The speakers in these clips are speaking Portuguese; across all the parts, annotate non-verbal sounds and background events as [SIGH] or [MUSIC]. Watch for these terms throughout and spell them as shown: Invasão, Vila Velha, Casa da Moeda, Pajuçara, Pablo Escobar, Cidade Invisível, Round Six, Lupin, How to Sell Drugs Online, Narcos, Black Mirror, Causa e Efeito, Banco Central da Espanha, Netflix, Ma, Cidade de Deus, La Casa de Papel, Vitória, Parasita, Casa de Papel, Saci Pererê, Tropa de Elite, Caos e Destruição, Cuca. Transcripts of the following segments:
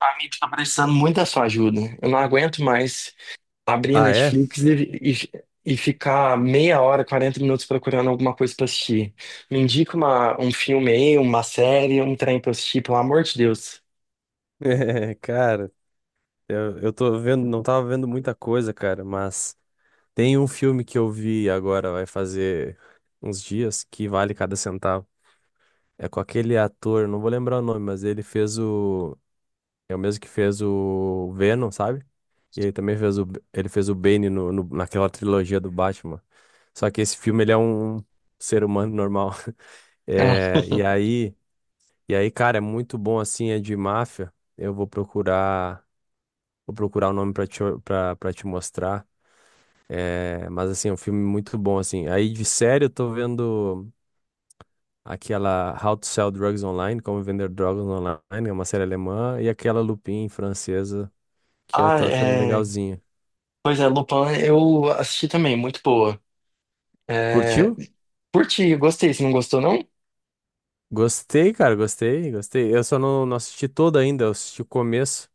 Amigo, tá precisando muito da sua ajuda. Eu não aguento mais abrir a Ah, é? Netflix [LAUGHS] e ficar meia hora, 40 minutos procurando alguma coisa pra assistir. Me indica um filme aí, uma série, um trem pra eu assistir, pelo amor de Deus. Cara, eu tô vendo, não tava vendo muita coisa, cara, mas tem um filme que eu vi agora, vai fazer uns dias, que vale cada centavo. É com aquele ator, não vou lembrar o nome, mas ele fez o. É o mesmo que fez o Venom, sabe? E ele também fez o. Ele fez o Bane naquela trilogia do Batman. Só que esse filme, ele é um ser humano normal. [LAUGHS] Ah, É, [LAUGHS] e aí, cara, é muito bom assim, é de máfia. Eu vou procurar. Vou procurar o nome pra te, pra, pra te mostrar. É, mas, assim, é um filme muito bom, assim. Aí, de série, eu tô vendo aquela How to Sell Drugs Online, Como Vender Drogas Online, é uma série alemã, e aquela Lupin, francesa, que eu Ah, tô achando é. legalzinha. Pois é, Lupin, eu assisti também, muito boa. É... Curtiu? Curti, gostei. Você não gostou, não? Gostei, cara, gostei, gostei. Eu só não assisti toda ainda, eu assisti o começo,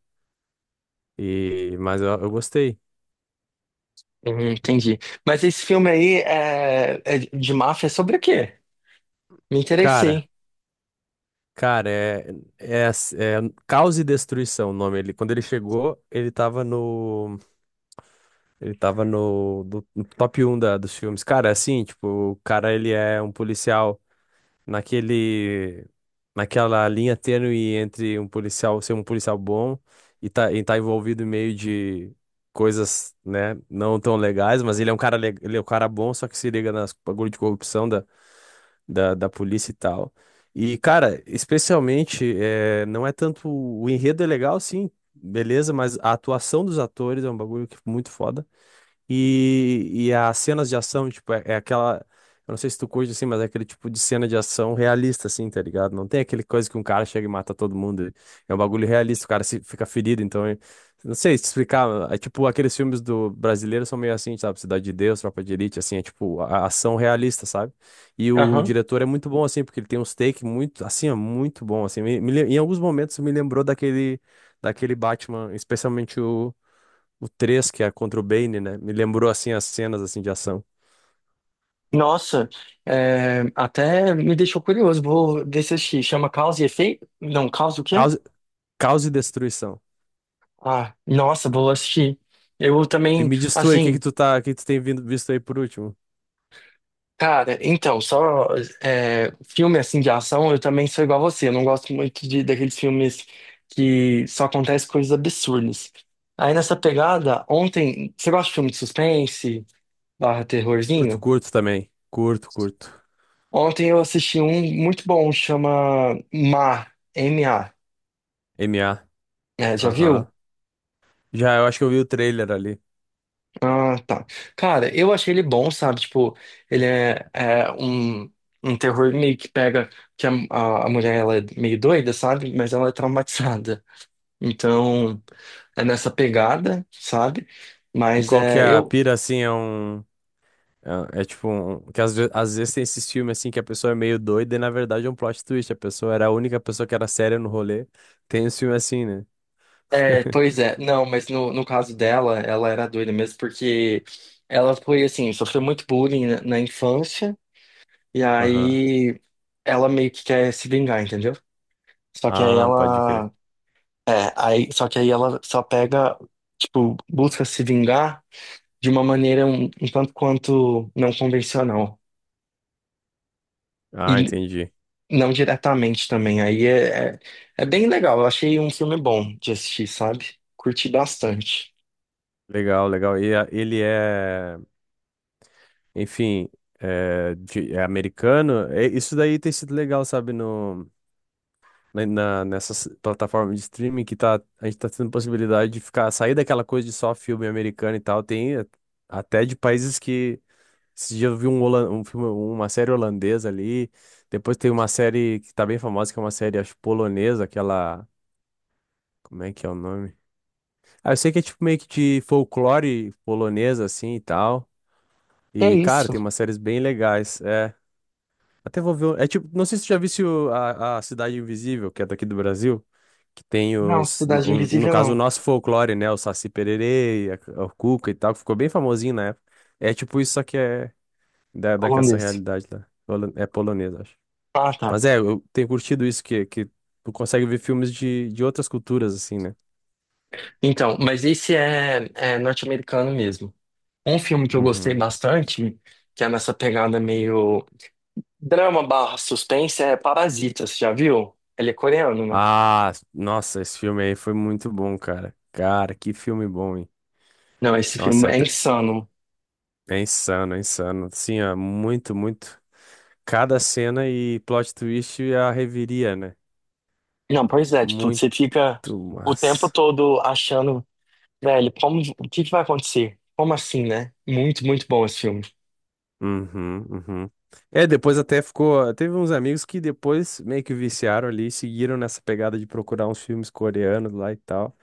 e, mas eu gostei. Uhum, entendi. Mas esse filme aí é de máfia sobre o quê? Me Cara, interessei. cara, é, é, é Caos e Destruição o nome. Ele, quando ele chegou, ele tava no... Ele tava no top 1 dos filmes. Cara, assim, tipo, o cara ele é um policial naquele, naquela linha tênue entre um policial ser um policial bom e tá envolvido em meio de coisas, né, não tão legais, mas ele é um cara, ele é um cara bom, só que se liga nas bagulho de corrupção da polícia e tal. E, cara, especialmente, é, não é tanto. O enredo é legal, sim, beleza, mas a atuação dos atores é um bagulho que é muito foda. E as cenas de ação, tipo, é, é aquela. Eu não sei se tu curte assim, mas é aquele tipo de cena de ação realista, assim, tá ligado? Não tem aquele coisa que um cara chega e mata todo mundo. É um bagulho realista, o cara se, fica ferido, então. Não sei te explicar. É tipo, aqueles filmes do brasileiro são meio assim, sabe? Cidade de Deus, Tropa de Elite, assim, é tipo a ação realista, sabe? E o diretor é muito bom, assim, porque ele tem uns takes muito, assim, é muito bom, assim. Em alguns momentos me lembrou daquele, daquele Batman, especialmente o 3 que é contra o Bane, né? Me lembrou assim as cenas assim de ação. Nossa, é, até me deixou curioso. Vou descer assistir. Chama Causa e Efeito? Não, Causa o quê? Caos, caos e destruição. Ah, nossa, vou assistir. Eu E também, me diz tu aí, o que que assim, tu tá, o que que tu tem vindo, visto aí por último? cara, então, só é, filme assim de ação, eu também sou igual a você. Eu não gosto muito daqueles filmes que só acontecem coisas absurdas. Aí nessa pegada, ontem, você gosta de filme de suspense, barra Curto, terrorzinho? curto também. Curto, curto. Ontem eu assisti um muito bom, chama Ma, Ma. M A. É, já Aham. viu? Já, eu acho que eu vi o trailer ali. Ah, tá. Cara, eu achei ele bom, sabe? Tipo, ele é um terror meio que pega que a mulher ela é meio doida, sabe? Mas ela é traumatizada. Então, é nessa pegada, sabe? E Mas qual que é, é a eu. pira, assim, é um... É, é tipo um... Que às vezes tem esses filmes, assim, que a pessoa é meio doida e, na verdade, é um plot twist. A pessoa era a única pessoa que era séria no rolê. Tem esse filme assim, né? É, [LAUGHS] pois é, não, mas no caso dela, ela era doida mesmo, porque ela foi assim, sofreu muito bullying na infância, e Aham. aí ela meio que quer se vingar, entendeu? Só que aí Ah, pode crer. ela É, aí, só que aí ela só pega, tipo, busca se vingar de uma maneira um tanto quanto não convencional. Ah, E entendi. não diretamente também. Aí é bem legal. Eu achei um filme bom de assistir, sabe? Curti bastante. Legal, legal. Ele é, enfim, é, é americano. É, isso daí tem sido legal, sabe, no, nessas plataformas de streaming que tá, a gente tá tendo possibilidade de ficar, sair daquela coisa de só filme americano e tal. Até de países que. Esse dia eu vi um, um filme, uma série holandesa ali. Depois tem uma série que tá bem famosa, que é uma série, acho, polonesa, aquela. Como é que é o nome? Ah, eu sei que é tipo meio que de folclore polonesa, assim e tal. É E, cara, isso? tem umas séries bem legais. É, até vou ver. É tipo, não sei se tu já viu a Cidade Invisível, que é daqui do Brasil, que tem Não, os, no, Cidade no Invisível caso, o não. nosso folclore, né? O Saci Pererê, a, o Cuca e tal, que ficou bem famosinho na época. É tipo isso, só que é daquela Holandês. realidade lá. É polonesa, acho. Ah, tá. Mas é, eu tenho curtido isso, que tu consegue ver filmes de outras culturas, assim, né? Então, mas esse é norte-americano mesmo. Um filme que eu gostei Uhum. bastante, que é nessa pegada meio. Drama barra suspense é Parasita, você já viu? Ele é coreano, né? Ah, nossa, esse filme aí foi muito bom, cara. Cara, que filme bom, hein? Não, esse filme Nossa, é até. insano. É insano, é insano. Assim, ó, muito, muito. Cada cena e plot twist é a reviria, né? Não, pois é, tipo, Muito você fica o tempo massa. todo achando, velho, como, o que que vai acontecer? Como assim, né? Muito, muito bom esse filme. Uhum, uhum. É, depois até ficou. Teve uns amigos que depois meio que viciaram ali, seguiram nessa pegada de procurar uns filmes coreanos lá e tal.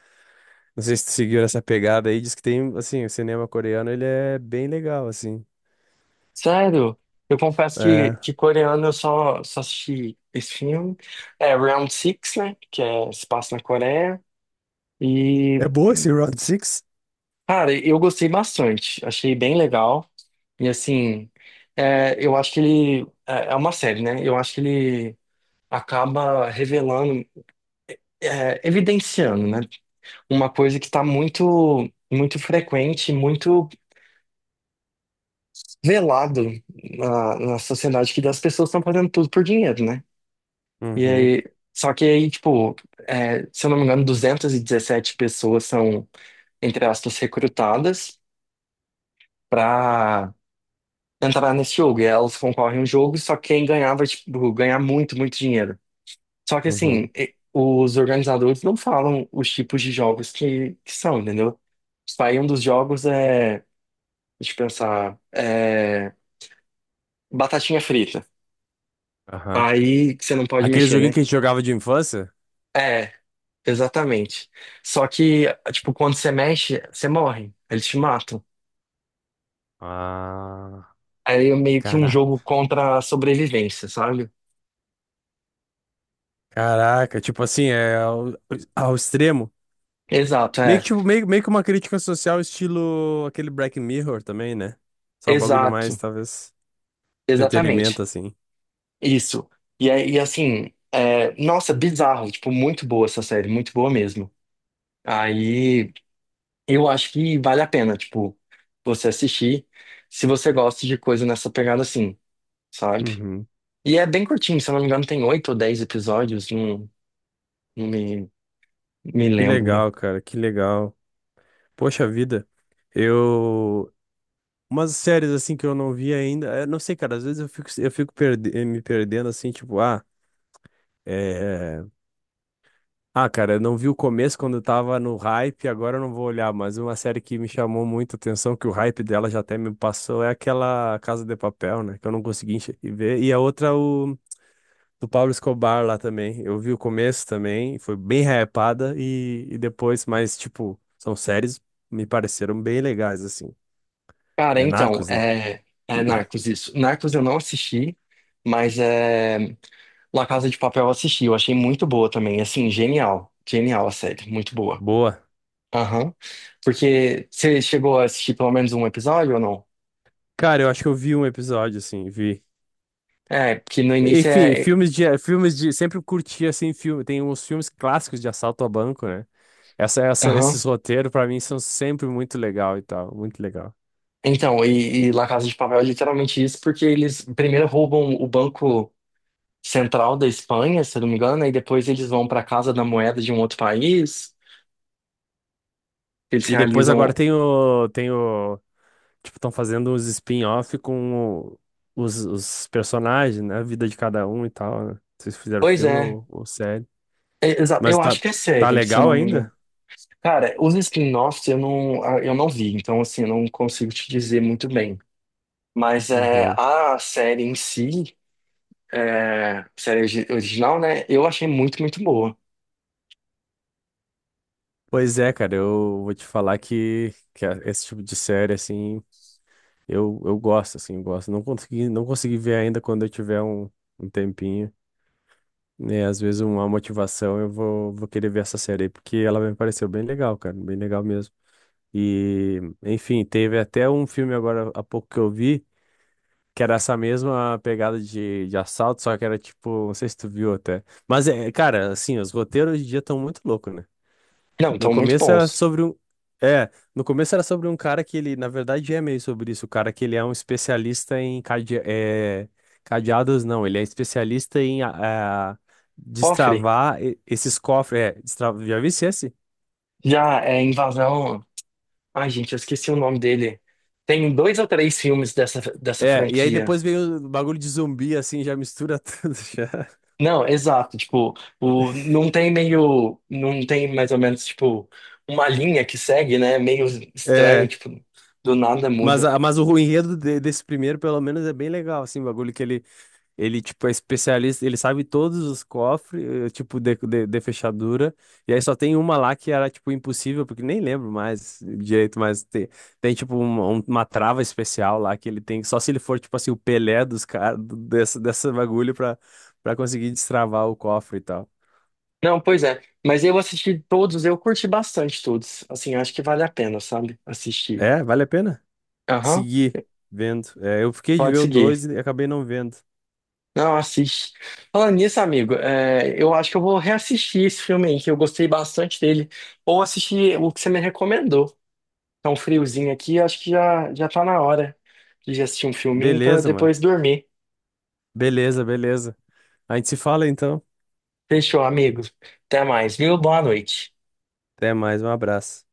Não sei se tu seguiu essa pegada aí, diz que tem, assim, o cinema coreano, ele é bem legal, assim. Sério, eu confesso que, É. que coreano eu só assisti esse filme. É Round Six, né? Que é, se passa na Coreia. É E boa esse Round Six? Cara, eu gostei bastante, achei bem legal. E assim, é, eu acho que ele. É é uma série, né? Eu acho que ele acaba revelando, é, evidenciando, né? Uma coisa que está muito, muito frequente, muito velado na sociedade, que as pessoas estão fazendo tudo por dinheiro, né? E Uhum, aí. Só que aí, tipo, é, se eu não me engano, 217 pessoas são, entre aspas, recrutadas para entrar nesse jogo. E elas concorrem a um jogo, só que quem ganhar vai, tipo, ganhar muito, muito dinheiro. Só que, assim, uhum, e- os organizadores não falam os tipos de jogos que são, entendeu? Tipo, aí um dos jogos é, deixa eu pensar, é batatinha frita. aham. Aí que você não pode Aquele mexer, joguinho né? que a gente jogava de infância? É, exatamente. Só que, tipo, quando você mexe, você morre. Eles te matam. Ah, Aí é meio que um jogo caraca. contra a sobrevivência, sabe? Caraca, tipo assim, é ao, ao extremo. Exato. Meio que, É. tipo, meio, meio que uma crítica social, estilo aquele Black Mirror também, né? Só um bagulho mais, Exato. talvez, entretenimento, Exatamente. assim. Isso. E é- e assim, é, nossa, bizarro, tipo, muito boa essa série, muito boa mesmo. Aí eu acho que vale a pena, tipo, você assistir, se você gosta de coisa nessa pegada assim, sabe? Uhum. E é bem curtinho, se eu não me engano, tem 8 ou 10 episódios, não não me Que lembro. legal, cara, que legal. Poxa vida, eu. Umas séries, assim, que eu não vi ainda. Eu não sei, cara, às vezes me perdendo, assim, tipo, ah. é, Ah, cara, eu não vi o começo quando eu tava no hype, agora eu não vou olhar, mas uma série que me chamou muito a atenção, que o hype dela já até me passou, é aquela Casa de Papel, né? Que eu não consegui ver. E a outra, o do Pablo Escobar lá também. Eu vi o começo também, foi bem hypada, e depois, mas, tipo, são séries me pareceram bem legais, assim. Cara, É então, Narcos, né? é Narcos isso. Narcos eu não assisti, mas é, La Casa de Papel eu assisti, eu achei muito boa também, assim, genial, genial a série, muito boa. Boa. Aham. Porque você chegou a assistir pelo menos um episódio ou não? Cara, eu acho que eu vi um episódio, assim, vi. É, porque no início Enfim, é. é. Filmes de, sempre curti assim filme, tem uns filmes clássicos de assalto a banco, né? Aham. Esses roteiros pra mim são sempre muito legal e tal, muito legal. Então, e La Casa de Papel é literalmente isso, porque eles primeiro roubam o Banco Central da Espanha, se eu não me engano, e depois eles vão para a Casa da Moeda de um outro país. Eles E depois agora realizam. tem o, tipo, estão fazendo uns spin-off com os personagens, né? A vida de cada um e tal, né? Vocês fizeram Pois filme é. ou série. É, Exato. Mas Eu tá, acho que é tá série, se eu legal não me engano. ainda? Cara, os spin-offs eu não vi, então assim, eu não consigo te dizer muito bem. Mas é, Uhum. a série em si, é, série original, né? Eu achei muito, muito boa. Pois é, cara, eu vou te falar que esse tipo de série, assim, eu gosto, assim, eu gosto. Não consegui ver ainda quando eu tiver um, um tempinho. Né, às vezes uma motivação eu vou querer ver essa série aí, porque ela me pareceu bem legal, cara, bem legal mesmo. E, enfim, teve até um filme agora há pouco que eu vi, que era essa mesma pegada de assalto, só que era tipo, não sei se tu viu até. Mas, é, cara, assim, os roteiros hoje em dia estão muito loucos, né? Não, No então muito começo era bons. sobre um. É, no começo era sobre um cara que ele, na verdade, é meio sobre isso. O cara que ele é um especialista em cade... é, cadeados, não. Ele é especialista em ah, é, Cofre, esses cofres. É, destra... já vi esse? já é Invasão. Ai, gente, eu esqueci o nome dele. Tem dois ou três filmes dessa É, e aí franquia. depois veio o bagulho de zumbi, assim, já mistura [LAUGHS] tudo já. Não, exato. Tipo, o, não tem meio. Não tem mais ou menos, tipo, uma linha que segue, né? Meio estranho, É. tipo, do nada Mas, muda. Mas o enredo desse primeiro, pelo menos, é bem legal, assim, o bagulho que ele, tipo, é especialista, ele sabe todos os cofres, eh, tipo, de fechadura. E aí só tem uma lá que era, tipo, impossível, porque nem lembro mais direito, mas tem, tem tipo, uma trava especial lá que ele tem, só se ele for, tipo, assim, o Pelé dos caras, dessa bagulho pra, pra conseguir destravar o cofre e tal. Não, pois é. Mas eu assisti todos, eu curti bastante todos. Assim, acho que vale a pena, sabe? Assistir. É, vale a pena Aham, seguir vendo. É, eu fiquei de pode ver o 2 seguir. e acabei não vendo. Não, assiste. Falando nisso, amigo, é, eu acho que eu vou reassistir esse filme aí, que eu gostei bastante dele. Ou assistir o que você me recomendou. Tá um friozinho aqui, acho que já, já tá na hora de assistir um filminho pra Beleza, mano. depois dormir. Beleza, beleza. A gente se fala, então. Fechou, amigo. Até mais, viu? Boa noite. Até mais, um abraço.